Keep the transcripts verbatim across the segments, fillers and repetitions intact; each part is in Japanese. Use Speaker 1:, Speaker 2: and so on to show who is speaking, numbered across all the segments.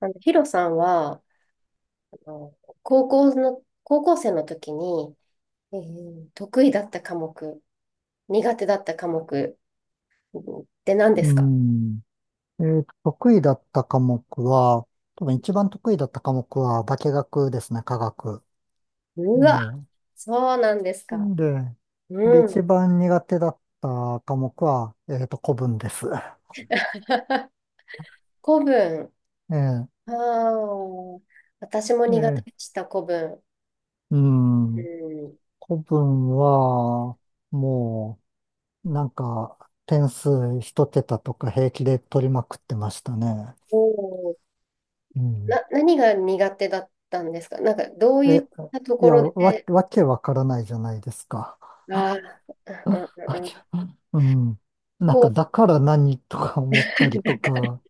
Speaker 1: あの、ヒロさんは、あの、高校の、高校生の時に、えー得意だった科目、苦手だった科目うんって何で
Speaker 2: う
Speaker 1: すか？
Speaker 2: ん。えーと、得意だった科目は、多分一番得意だった科目は化学ですね、化学。え
Speaker 1: うわ、そうなんですか。
Speaker 2: え。で、で、
Speaker 1: うん。
Speaker 2: 一番苦手だった科目は、えーと、古文です。
Speaker 1: 古文。
Speaker 2: え
Speaker 1: ああ、私も
Speaker 2: え。
Speaker 1: 苦手
Speaker 2: え
Speaker 1: で
Speaker 2: え。
Speaker 1: した、古文。
Speaker 2: う
Speaker 1: う
Speaker 2: ん。
Speaker 1: ん。
Speaker 2: 古文は、もう、なんか、点数一桁とか平気で取りまくってましたね。
Speaker 1: おー、
Speaker 2: うん。
Speaker 1: な、何が苦手だったんですか？なんか、どう
Speaker 2: え、
Speaker 1: いったと
Speaker 2: い
Speaker 1: こ
Speaker 2: や、
Speaker 1: ろ
Speaker 2: わ、
Speaker 1: で。
Speaker 2: わけわからないじゃないですか。
Speaker 1: ああ、うん
Speaker 2: あ、
Speaker 1: う
Speaker 2: あ
Speaker 1: ん。う
Speaker 2: じ
Speaker 1: ん、
Speaker 2: ゃあ、うん。なんか、
Speaker 1: こう、
Speaker 2: だから何とか思ったり
Speaker 1: な
Speaker 2: と
Speaker 1: んか
Speaker 2: か、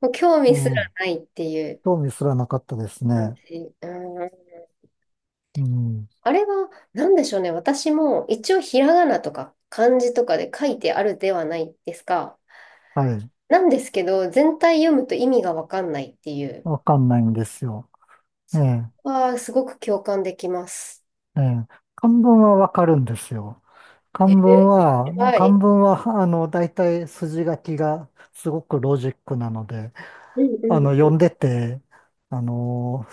Speaker 1: もう興
Speaker 2: え
Speaker 1: 味すら
Speaker 2: え、
Speaker 1: ないっていう。
Speaker 2: 興味すらなかったです
Speaker 1: なんう
Speaker 2: ね。
Speaker 1: ん。
Speaker 2: うん。
Speaker 1: あれは、なんでしょうね。私も一応ひらがなとか漢字とかで書いてあるではないですか。
Speaker 2: はい。
Speaker 1: なんですけど、全体読むと意味がわかんないっていう。
Speaker 2: わかんないんですよ。え
Speaker 1: そ
Speaker 2: え、
Speaker 1: こはすごく共感できます。
Speaker 2: ええ。漢文はわかるんですよ。漢
Speaker 1: え
Speaker 2: 文は、
Speaker 1: ー、は
Speaker 2: 漢
Speaker 1: い。
Speaker 2: 文は、あの、大体筋書きがすごくロジックなので、
Speaker 1: うん
Speaker 2: あ
Speaker 1: う
Speaker 2: の、読
Speaker 1: ん。
Speaker 2: んでて、あの、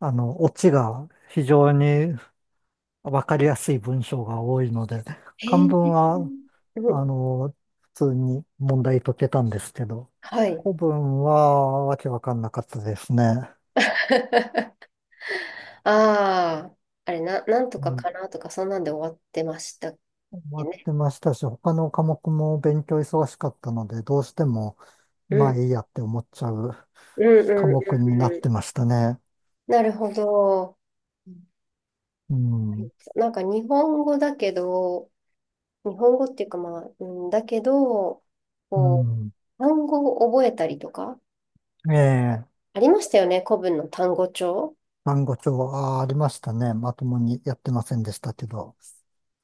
Speaker 2: あの、オチが非常にわかりやすい文章が多いので、
Speaker 1: え
Speaker 2: 漢文
Speaker 1: ー、
Speaker 2: は
Speaker 1: う
Speaker 2: あ
Speaker 1: ん、
Speaker 2: の、普通に問題解けたんですけど、
Speaker 1: はい。
Speaker 2: 古文はわけわかんなかったですね。
Speaker 1: ああ、あれ、な、なんと
Speaker 2: う
Speaker 1: か
Speaker 2: ん。
Speaker 1: かな、とか、そんなんで終わってましたっ
Speaker 2: 終わ
Speaker 1: け
Speaker 2: っ
Speaker 1: ね。
Speaker 2: てましたし、他の科目も勉強忙しかったので、どうしても、
Speaker 1: う
Speaker 2: まあ
Speaker 1: ん。
Speaker 2: いいやって思っちゃう
Speaker 1: うんう
Speaker 2: 科
Speaker 1: んうん
Speaker 2: 目になって
Speaker 1: う
Speaker 2: ましたね。
Speaker 1: ん。なるほど。
Speaker 2: うん。
Speaker 1: なんか日本語だけど、日本語っていうかまあ、うん、だけど、
Speaker 2: う
Speaker 1: こう、
Speaker 2: ん。
Speaker 1: 単語を覚えたりとか、
Speaker 2: ええ、
Speaker 1: ありましたよね、古文の単語帳。
Speaker 2: 単語帳はありましたね。まともにやってませんでしたけど、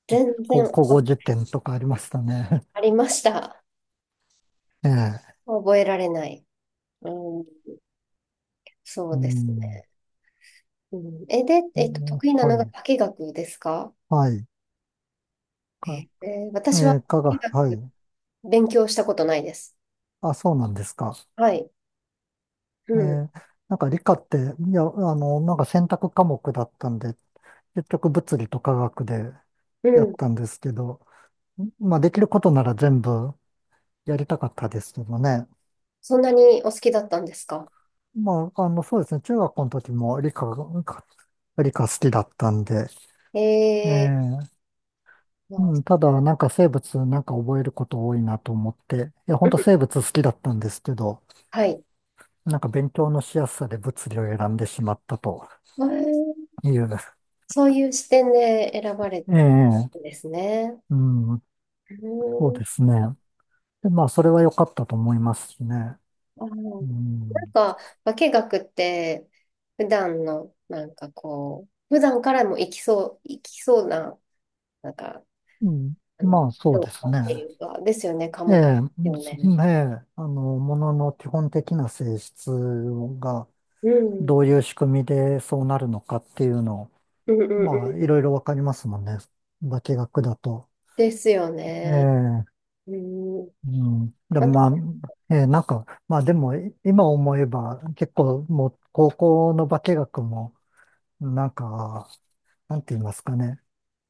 Speaker 1: 全
Speaker 2: こ
Speaker 1: 然
Speaker 2: 古
Speaker 1: あ
Speaker 2: 語辞典とかありましたね。
Speaker 1: ありました。
Speaker 2: ええ。
Speaker 1: 覚えられない。うん、そ
Speaker 2: う
Speaker 1: うです
Speaker 2: ん。
Speaker 1: ね。うん、え、で、
Speaker 2: う
Speaker 1: えっと、
Speaker 2: ん、
Speaker 1: 得意なの
Speaker 2: は
Speaker 1: が
Speaker 2: い。
Speaker 1: 化学ですか？
Speaker 2: はい。
Speaker 1: えー、私は
Speaker 2: え
Speaker 1: 化
Speaker 2: ー、科学、は
Speaker 1: 学
Speaker 2: い。
Speaker 1: 勉強したことないです。
Speaker 2: あ、そうなんですか。
Speaker 1: はい。う
Speaker 2: え
Speaker 1: ん。
Speaker 2: ー、なんか理科って、いや、あの、なんか選択科目だったんで、結局物理と科学で
Speaker 1: う
Speaker 2: やっ
Speaker 1: ん。
Speaker 2: たんですけど、まあできることなら全部やりたかったですけどね。
Speaker 1: そんなにお好きだったんですか？
Speaker 2: まあ、あの、そうですね。中学校の時も理科が、理科好きだったんで、
Speaker 1: え
Speaker 2: え
Speaker 1: ー、
Speaker 2: ー、
Speaker 1: まあ、う
Speaker 2: うん、
Speaker 1: ん、
Speaker 2: ただなんか生物なんか覚えること多いなと思って、いや、本当生物好きだったんですけど、
Speaker 1: はい。
Speaker 2: なんか勉強のしやすさで物理を選んでしまったと。
Speaker 1: えー、
Speaker 2: いいよね。
Speaker 1: そういう視点で選ばれて
Speaker 2: ええ、
Speaker 1: るんですね。
Speaker 2: うん、そう
Speaker 1: うん。
Speaker 2: ですね。で、まあ、それは良かったと思いますしね。
Speaker 1: あの、
Speaker 2: うん、
Speaker 1: なんか、化学って、普段の、なんかこう、普段からも生きそう、生きそうな、なんか、
Speaker 2: うん、
Speaker 1: あの、
Speaker 2: まあ、そう
Speaker 1: 評
Speaker 2: です
Speaker 1: 価ってい
Speaker 2: ね。
Speaker 1: うか、ですよね、科
Speaker 2: え
Speaker 1: 目で
Speaker 2: え、
Speaker 1: すよ
Speaker 2: そ、
Speaker 1: ね。
Speaker 2: ええ、あの、ものの基本的な性質が
Speaker 1: うん。
Speaker 2: どういう仕組みでそうなるのかっていうのを、
Speaker 1: うんうん
Speaker 2: まあ、
Speaker 1: う
Speaker 2: い
Speaker 1: ん。
Speaker 2: ろいろわかりますもんね。化学だと。
Speaker 1: ですよ
Speaker 2: え
Speaker 1: ね。
Speaker 2: え、
Speaker 1: うん。
Speaker 2: うん。で、
Speaker 1: あ、
Speaker 2: まあ、ええ、なんか、まあでも、い今思えば、結構もう、高校の化学も、なんか、なんて言いますかね。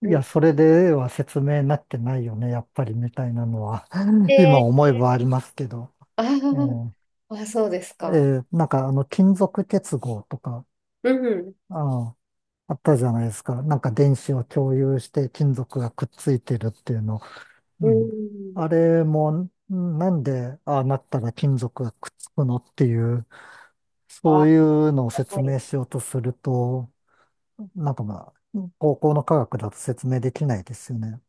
Speaker 2: い
Speaker 1: うん、
Speaker 2: や、それでは説明になってないよね、やっぱりみたいなのは 今
Speaker 1: で、
Speaker 2: 思えばありますけど。
Speaker 1: あ
Speaker 2: ええ。
Speaker 1: ー、あ、そうです
Speaker 2: え
Speaker 1: か。
Speaker 2: え。なんかあの、金属結合とか、
Speaker 1: うん。
Speaker 2: ああ、あったじゃないですか。なんか電子を共有して金属がくっついてるっていうの。う
Speaker 1: う
Speaker 2: ん。
Speaker 1: ん。
Speaker 2: あれも、なんでああなったら金属がくっつくのっていう、
Speaker 1: あ、
Speaker 2: そういうのを
Speaker 1: は
Speaker 2: 説
Speaker 1: い。
Speaker 2: 明しようとすると、なんかまあ、高校の科学だと説明できないですよね。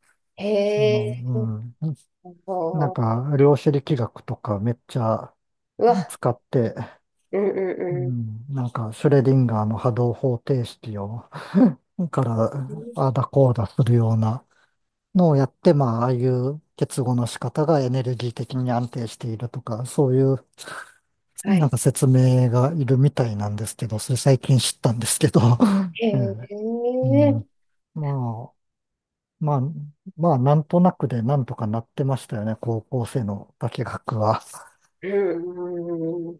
Speaker 2: あ
Speaker 1: へ
Speaker 2: の、
Speaker 1: え。
Speaker 2: うん。
Speaker 1: あ
Speaker 2: なん
Speaker 1: の、
Speaker 2: か、量子力学とかめっちゃ
Speaker 1: うわ、
Speaker 2: 使って、
Speaker 1: うん
Speaker 2: う
Speaker 1: うんう
Speaker 2: ん、なんか、シュレディンガーの波動方程式を、から、
Speaker 1: ん。
Speaker 2: ああだこうだするようなのをやって、まあ、ああいう結合の仕方がエネルギー的に安定しているとか、そういう、
Speaker 1: は
Speaker 2: なん
Speaker 1: い。
Speaker 2: か説明がいるみたいなんですけど、それ最近知ったんですけど、
Speaker 1: へ
Speaker 2: え
Speaker 1: え。
Speaker 2: え。う
Speaker 1: うん
Speaker 2: ん。まあ、まあ、まあ、なんとなくでなんとかなってましたよね、高校生の化学は。
Speaker 1: うんうん。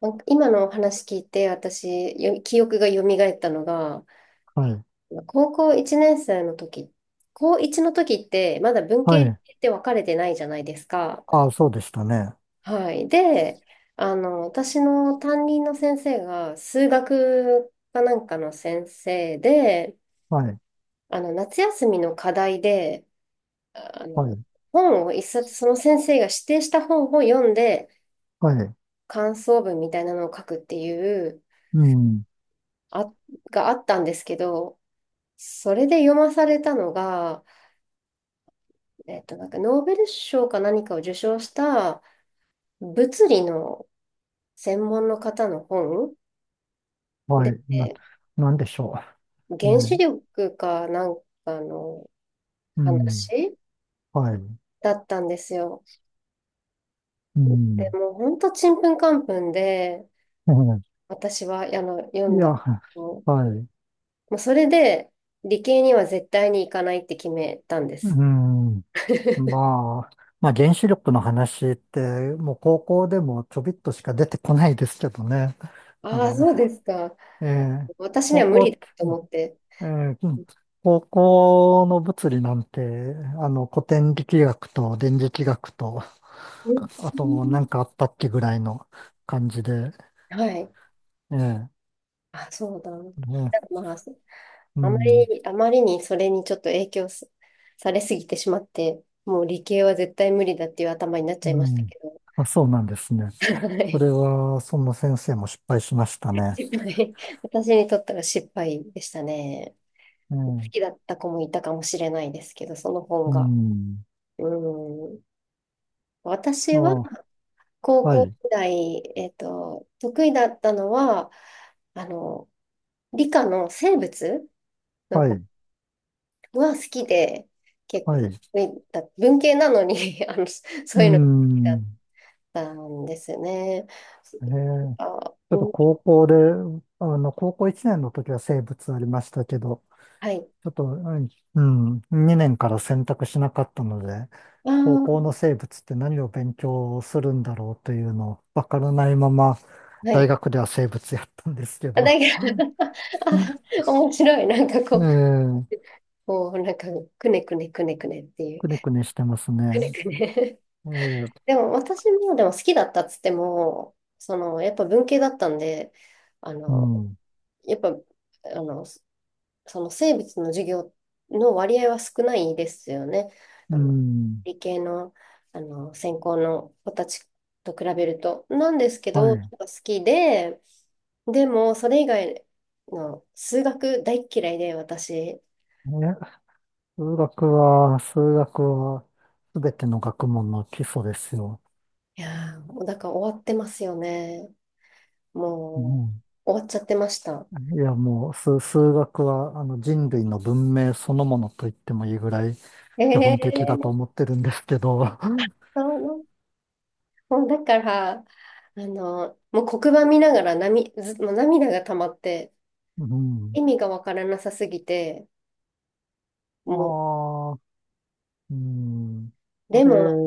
Speaker 1: なんか今のお話聞いて、私、よ記憶が蘇ったのが、
Speaker 2: はい。
Speaker 1: 高校いちねん生の時、高いちの時って、まだ文
Speaker 2: は
Speaker 1: 系理
Speaker 2: い。
Speaker 1: 系って分かれてないじゃないですか。
Speaker 2: ああ、そうでしたね。
Speaker 1: はい。で、あの、私の担任の先生が、数学かなんかの先生で、
Speaker 2: はい。
Speaker 1: あの、夏休みの課題で、あ
Speaker 2: は
Speaker 1: の、
Speaker 2: い。
Speaker 1: 本を一冊、その先生が指定した本を読んで、
Speaker 2: はい。
Speaker 1: 感想文みたいなのを書くっていう、
Speaker 2: うん。
Speaker 1: あ、があったんですけど、それで読まされたのが、えっと、なんかノーベル賞か何かを受賞した物理の専門の方の本
Speaker 2: はい。
Speaker 1: で、
Speaker 2: な、なんでしょう。
Speaker 1: 原子
Speaker 2: ね。
Speaker 1: 力かなんかの
Speaker 2: うん。
Speaker 1: 話
Speaker 2: はい。
Speaker 1: だったんですよ。
Speaker 2: う
Speaker 1: で
Speaker 2: ん。
Speaker 1: もうほんとちんぷんかんぷんで、
Speaker 2: うん。
Speaker 1: 私はあの読
Speaker 2: い
Speaker 1: ん
Speaker 2: や、
Speaker 1: だ。
Speaker 2: はい。
Speaker 1: もうそれで、理系には絶対に行かないって決めたんで
Speaker 2: う
Speaker 1: す。
Speaker 2: ん。まあ、まあ、原子力の話って、もう高校でもちょびっとしか出てこないですけどね。あ
Speaker 1: あ
Speaker 2: れ、
Speaker 1: あ、そうですか。
Speaker 2: えー、
Speaker 1: 私に
Speaker 2: 高
Speaker 1: は無
Speaker 2: 校
Speaker 1: 理
Speaker 2: っ
Speaker 1: だ
Speaker 2: て、
Speaker 1: と思って。
Speaker 2: えー、うん、高校の物理なんて、あの、古典力学と電磁気学と、
Speaker 1: うん、
Speaker 2: あと、なんかあったっけぐらいの感じで、
Speaker 1: はい。
Speaker 2: ええ、
Speaker 1: あ、そうだ。なんか、
Speaker 2: ね、
Speaker 1: まあ、
Speaker 2: う
Speaker 1: あま
Speaker 2: ん、
Speaker 1: り、あまりにそれにちょっと影響すされすぎてしまって、もう理系は絶対無理だっていう頭になっちゃい
Speaker 2: う
Speaker 1: ました
Speaker 2: ん。
Speaker 1: けど、
Speaker 2: あ、そうなんですね。
Speaker 1: は
Speaker 2: そ
Speaker 1: い。
Speaker 2: れは、その先生も失敗しましたね。
Speaker 1: 失敗。私にとっては失敗でしたね。
Speaker 2: え
Speaker 1: 好
Speaker 2: え、
Speaker 1: きだった子もいたかもしれないですけど、その
Speaker 2: う
Speaker 1: 本が。
Speaker 2: ん。
Speaker 1: うん。
Speaker 2: あ、
Speaker 1: 私は高
Speaker 2: は
Speaker 1: 校
Speaker 2: い、
Speaker 1: 時代、えっと、得意だったのは、あの、理科の生物の
Speaker 2: は
Speaker 1: 方
Speaker 2: い、
Speaker 1: が好きで、結
Speaker 2: は
Speaker 1: 構、
Speaker 2: い。
Speaker 1: えだ文系なのに あの、そ
Speaker 2: う
Speaker 1: ういうのが好きだっ
Speaker 2: ん。
Speaker 1: たんですね。
Speaker 2: ええ、ち
Speaker 1: あ、
Speaker 2: ょ
Speaker 1: う
Speaker 2: っと
Speaker 1: ん、
Speaker 2: 高校で、あの、高校いちねんの時は生物ありましたけど、
Speaker 1: はい。
Speaker 2: ちょっと、うん、にねんから選択しなかったので、
Speaker 1: あ
Speaker 2: 高校
Speaker 1: ー、
Speaker 2: の生物って何を勉強するんだろうというのをわからないまま、
Speaker 1: は
Speaker 2: 大
Speaker 1: い。
Speaker 2: 学では生物やったんですけ
Speaker 1: あ、
Speaker 2: ど、
Speaker 1: だけど あ、面白い。なんかこう、
Speaker 2: ええ、
Speaker 1: こう、なんか、くねくねくねくねっていう。
Speaker 2: くねくねしてますね。
Speaker 1: くねくね。
Speaker 2: ええ。
Speaker 1: でも私もでも好きだったっつっても、そのやっぱ文系だったんで、あ
Speaker 2: う
Speaker 1: の、
Speaker 2: ん、
Speaker 1: やっぱ、あの、そその生物の授業の割合は少ないですよね。あ
Speaker 2: う
Speaker 1: の、
Speaker 2: ん、
Speaker 1: 理系の、あの、専攻の子たちと比べると。なんですけ
Speaker 2: は
Speaker 1: ど、やっ
Speaker 2: い。
Speaker 1: ぱ好きで、でもそれ以外の数学大っ嫌いで私。
Speaker 2: ね、数学は、数学は、すべての学問の基礎ですよ。
Speaker 1: いやー、もうだから終わってますよね。
Speaker 2: う
Speaker 1: も
Speaker 2: ん。
Speaker 1: う、終わっちゃってました。
Speaker 2: いや、もう、数、数学は、あの、人類の文明そのものと言ってもいいぐらい、基本的だと
Speaker 1: ええ。
Speaker 2: 思ってるんですけど。
Speaker 1: そう、もうだから、あの、もう黒板見ながら涙、ず、もう涙が溜まって、
Speaker 2: うん。
Speaker 1: 意味がわからなさすぎて、もう、
Speaker 2: ああ、うん。あ
Speaker 1: で
Speaker 2: れ、
Speaker 1: も、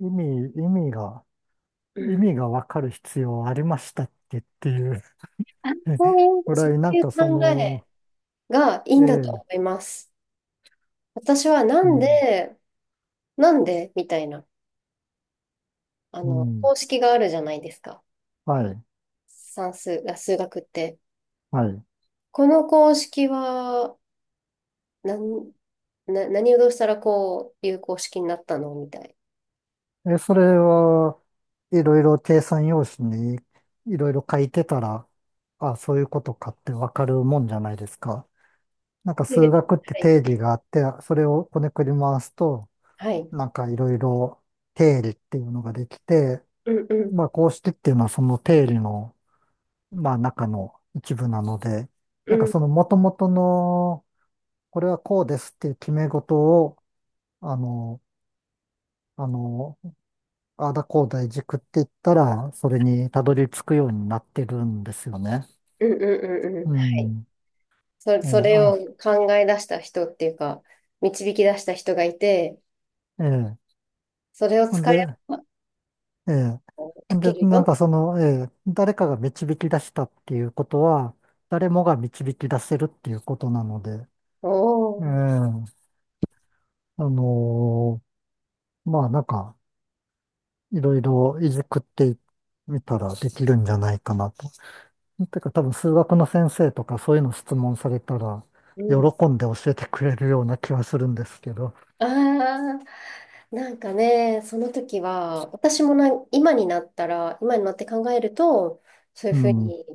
Speaker 2: 意味、意味が、
Speaker 1: う
Speaker 2: 意
Speaker 1: ん、
Speaker 2: 味がわかる必要ありましたっけっていう
Speaker 1: あ、そう いう、
Speaker 2: ぐ
Speaker 1: そ
Speaker 2: らい、な
Speaker 1: う
Speaker 2: ん
Speaker 1: いう
Speaker 2: かそ
Speaker 1: 考え
Speaker 2: の、
Speaker 1: がいい
Speaker 2: え
Speaker 1: んだと
Speaker 2: え、
Speaker 1: 思います。私はな
Speaker 2: う
Speaker 1: ん
Speaker 2: ん、
Speaker 1: で、なんでみたいな、あ
Speaker 2: う
Speaker 1: の、
Speaker 2: ん、
Speaker 1: 公式があるじゃないですか。
Speaker 2: はい、
Speaker 1: 算数、あ、数学って。
Speaker 2: はい。
Speaker 1: この公式は、なん、な、何をどうしたらこういう公式になったのみたい。
Speaker 2: え、それはいろいろ計算用紙にいろいろ書いてたら、あ、そういうことかってわかるもんじゃないですか。なんか数
Speaker 1: で、
Speaker 2: 学って
Speaker 1: はい。
Speaker 2: 定義があって、それをこねくり回すと、
Speaker 1: はい。
Speaker 2: なんかいろいろ定理っていうのができて、
Speaker 1: うんうん
Speaker 2: まあこうしてっていうのはその定理の、まあ中の一部なので、
Speaker 1: う
Speaker 2: なんか
Speaker 1: ん
Speaker 2: その元々の、これはこうですっていう決め事を、あの、あの、あダだこうだいじくって言ったら、それにたどり着くようになってるんですよね。
Speaker 1: うんうんうんうん。
Speaker 2: う
Speaker 1: はい。
Speaker 2: ん。
Speaker 1: そ、
Speaker 2: ええ、
Speaker 1: それ
Speaker 2: あ、
Speaker 1: を考え出した人っていうか、導き出した人がいて、
Speaker 2: ええ。
Speaker 1: それを
Speaker 2: ほん
Speaker 1: 使え
Speaker 2: で、
Speaker 1: ば
Speaker 2: ええ。
Speaker 1: 解
Speaker 2: ん
Speaker 1: け
Speaker 2: で、
Speaker 1: る
Speaker 2: なん
Speaker 1: よ。
Speaker 2: かその、ええ、誰かが導き出したっていうことは、誰もが導き出せるっていうことなので、
Speaker 1: お
Speaker 2: ええ、
Speaker 1: ー、
Speaker 2: あのー、まあなんか、いろいろいじくってみたらできるんじゃないかなと。てか多分数学の先生とかそういうの質問されたら、
Speaker 1: う
Speaker 2: 喜
Speaker 1: ん、
Speaker 2: んで教えてくれるような気はするんですけど、
Speaker 1: ああ、なんかね、その時は、私もな、今になったら、今になって考えると、そうい
Speaker 2: う
Speaker 1: うふう
Speaker 2: ん、
Speaker 1: に、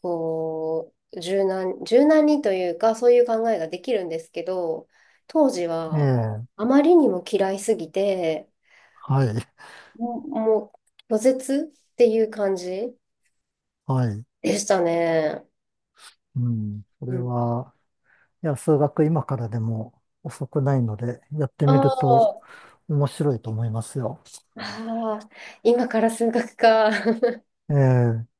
Speaker 1: こう、柔軟、柔軟にというか、そういう考えができるんですけど、当時
Speaker 2: え
Speaker 1: は、
Speaker 2: え、
Speaker 1: あまりにも嫌いすぎて、
Speaker 2: はい、
Speaker 1: もう、もう拒絶っていう感じ
Speaker 2: はい、
Speaker 1: でしたね。
Speaker 2: うん、それ
Speaker 1: うん。
Speaker 2: は、いや、数学今からでも遅くないので、やって
Speaker 1: あ
Speaker 2: みると
Speaker 1: あ、
Speaker 2: 面白いと思いますよ。
Speaker 1: ああ、今から数学か。
Speaker 2: ええ。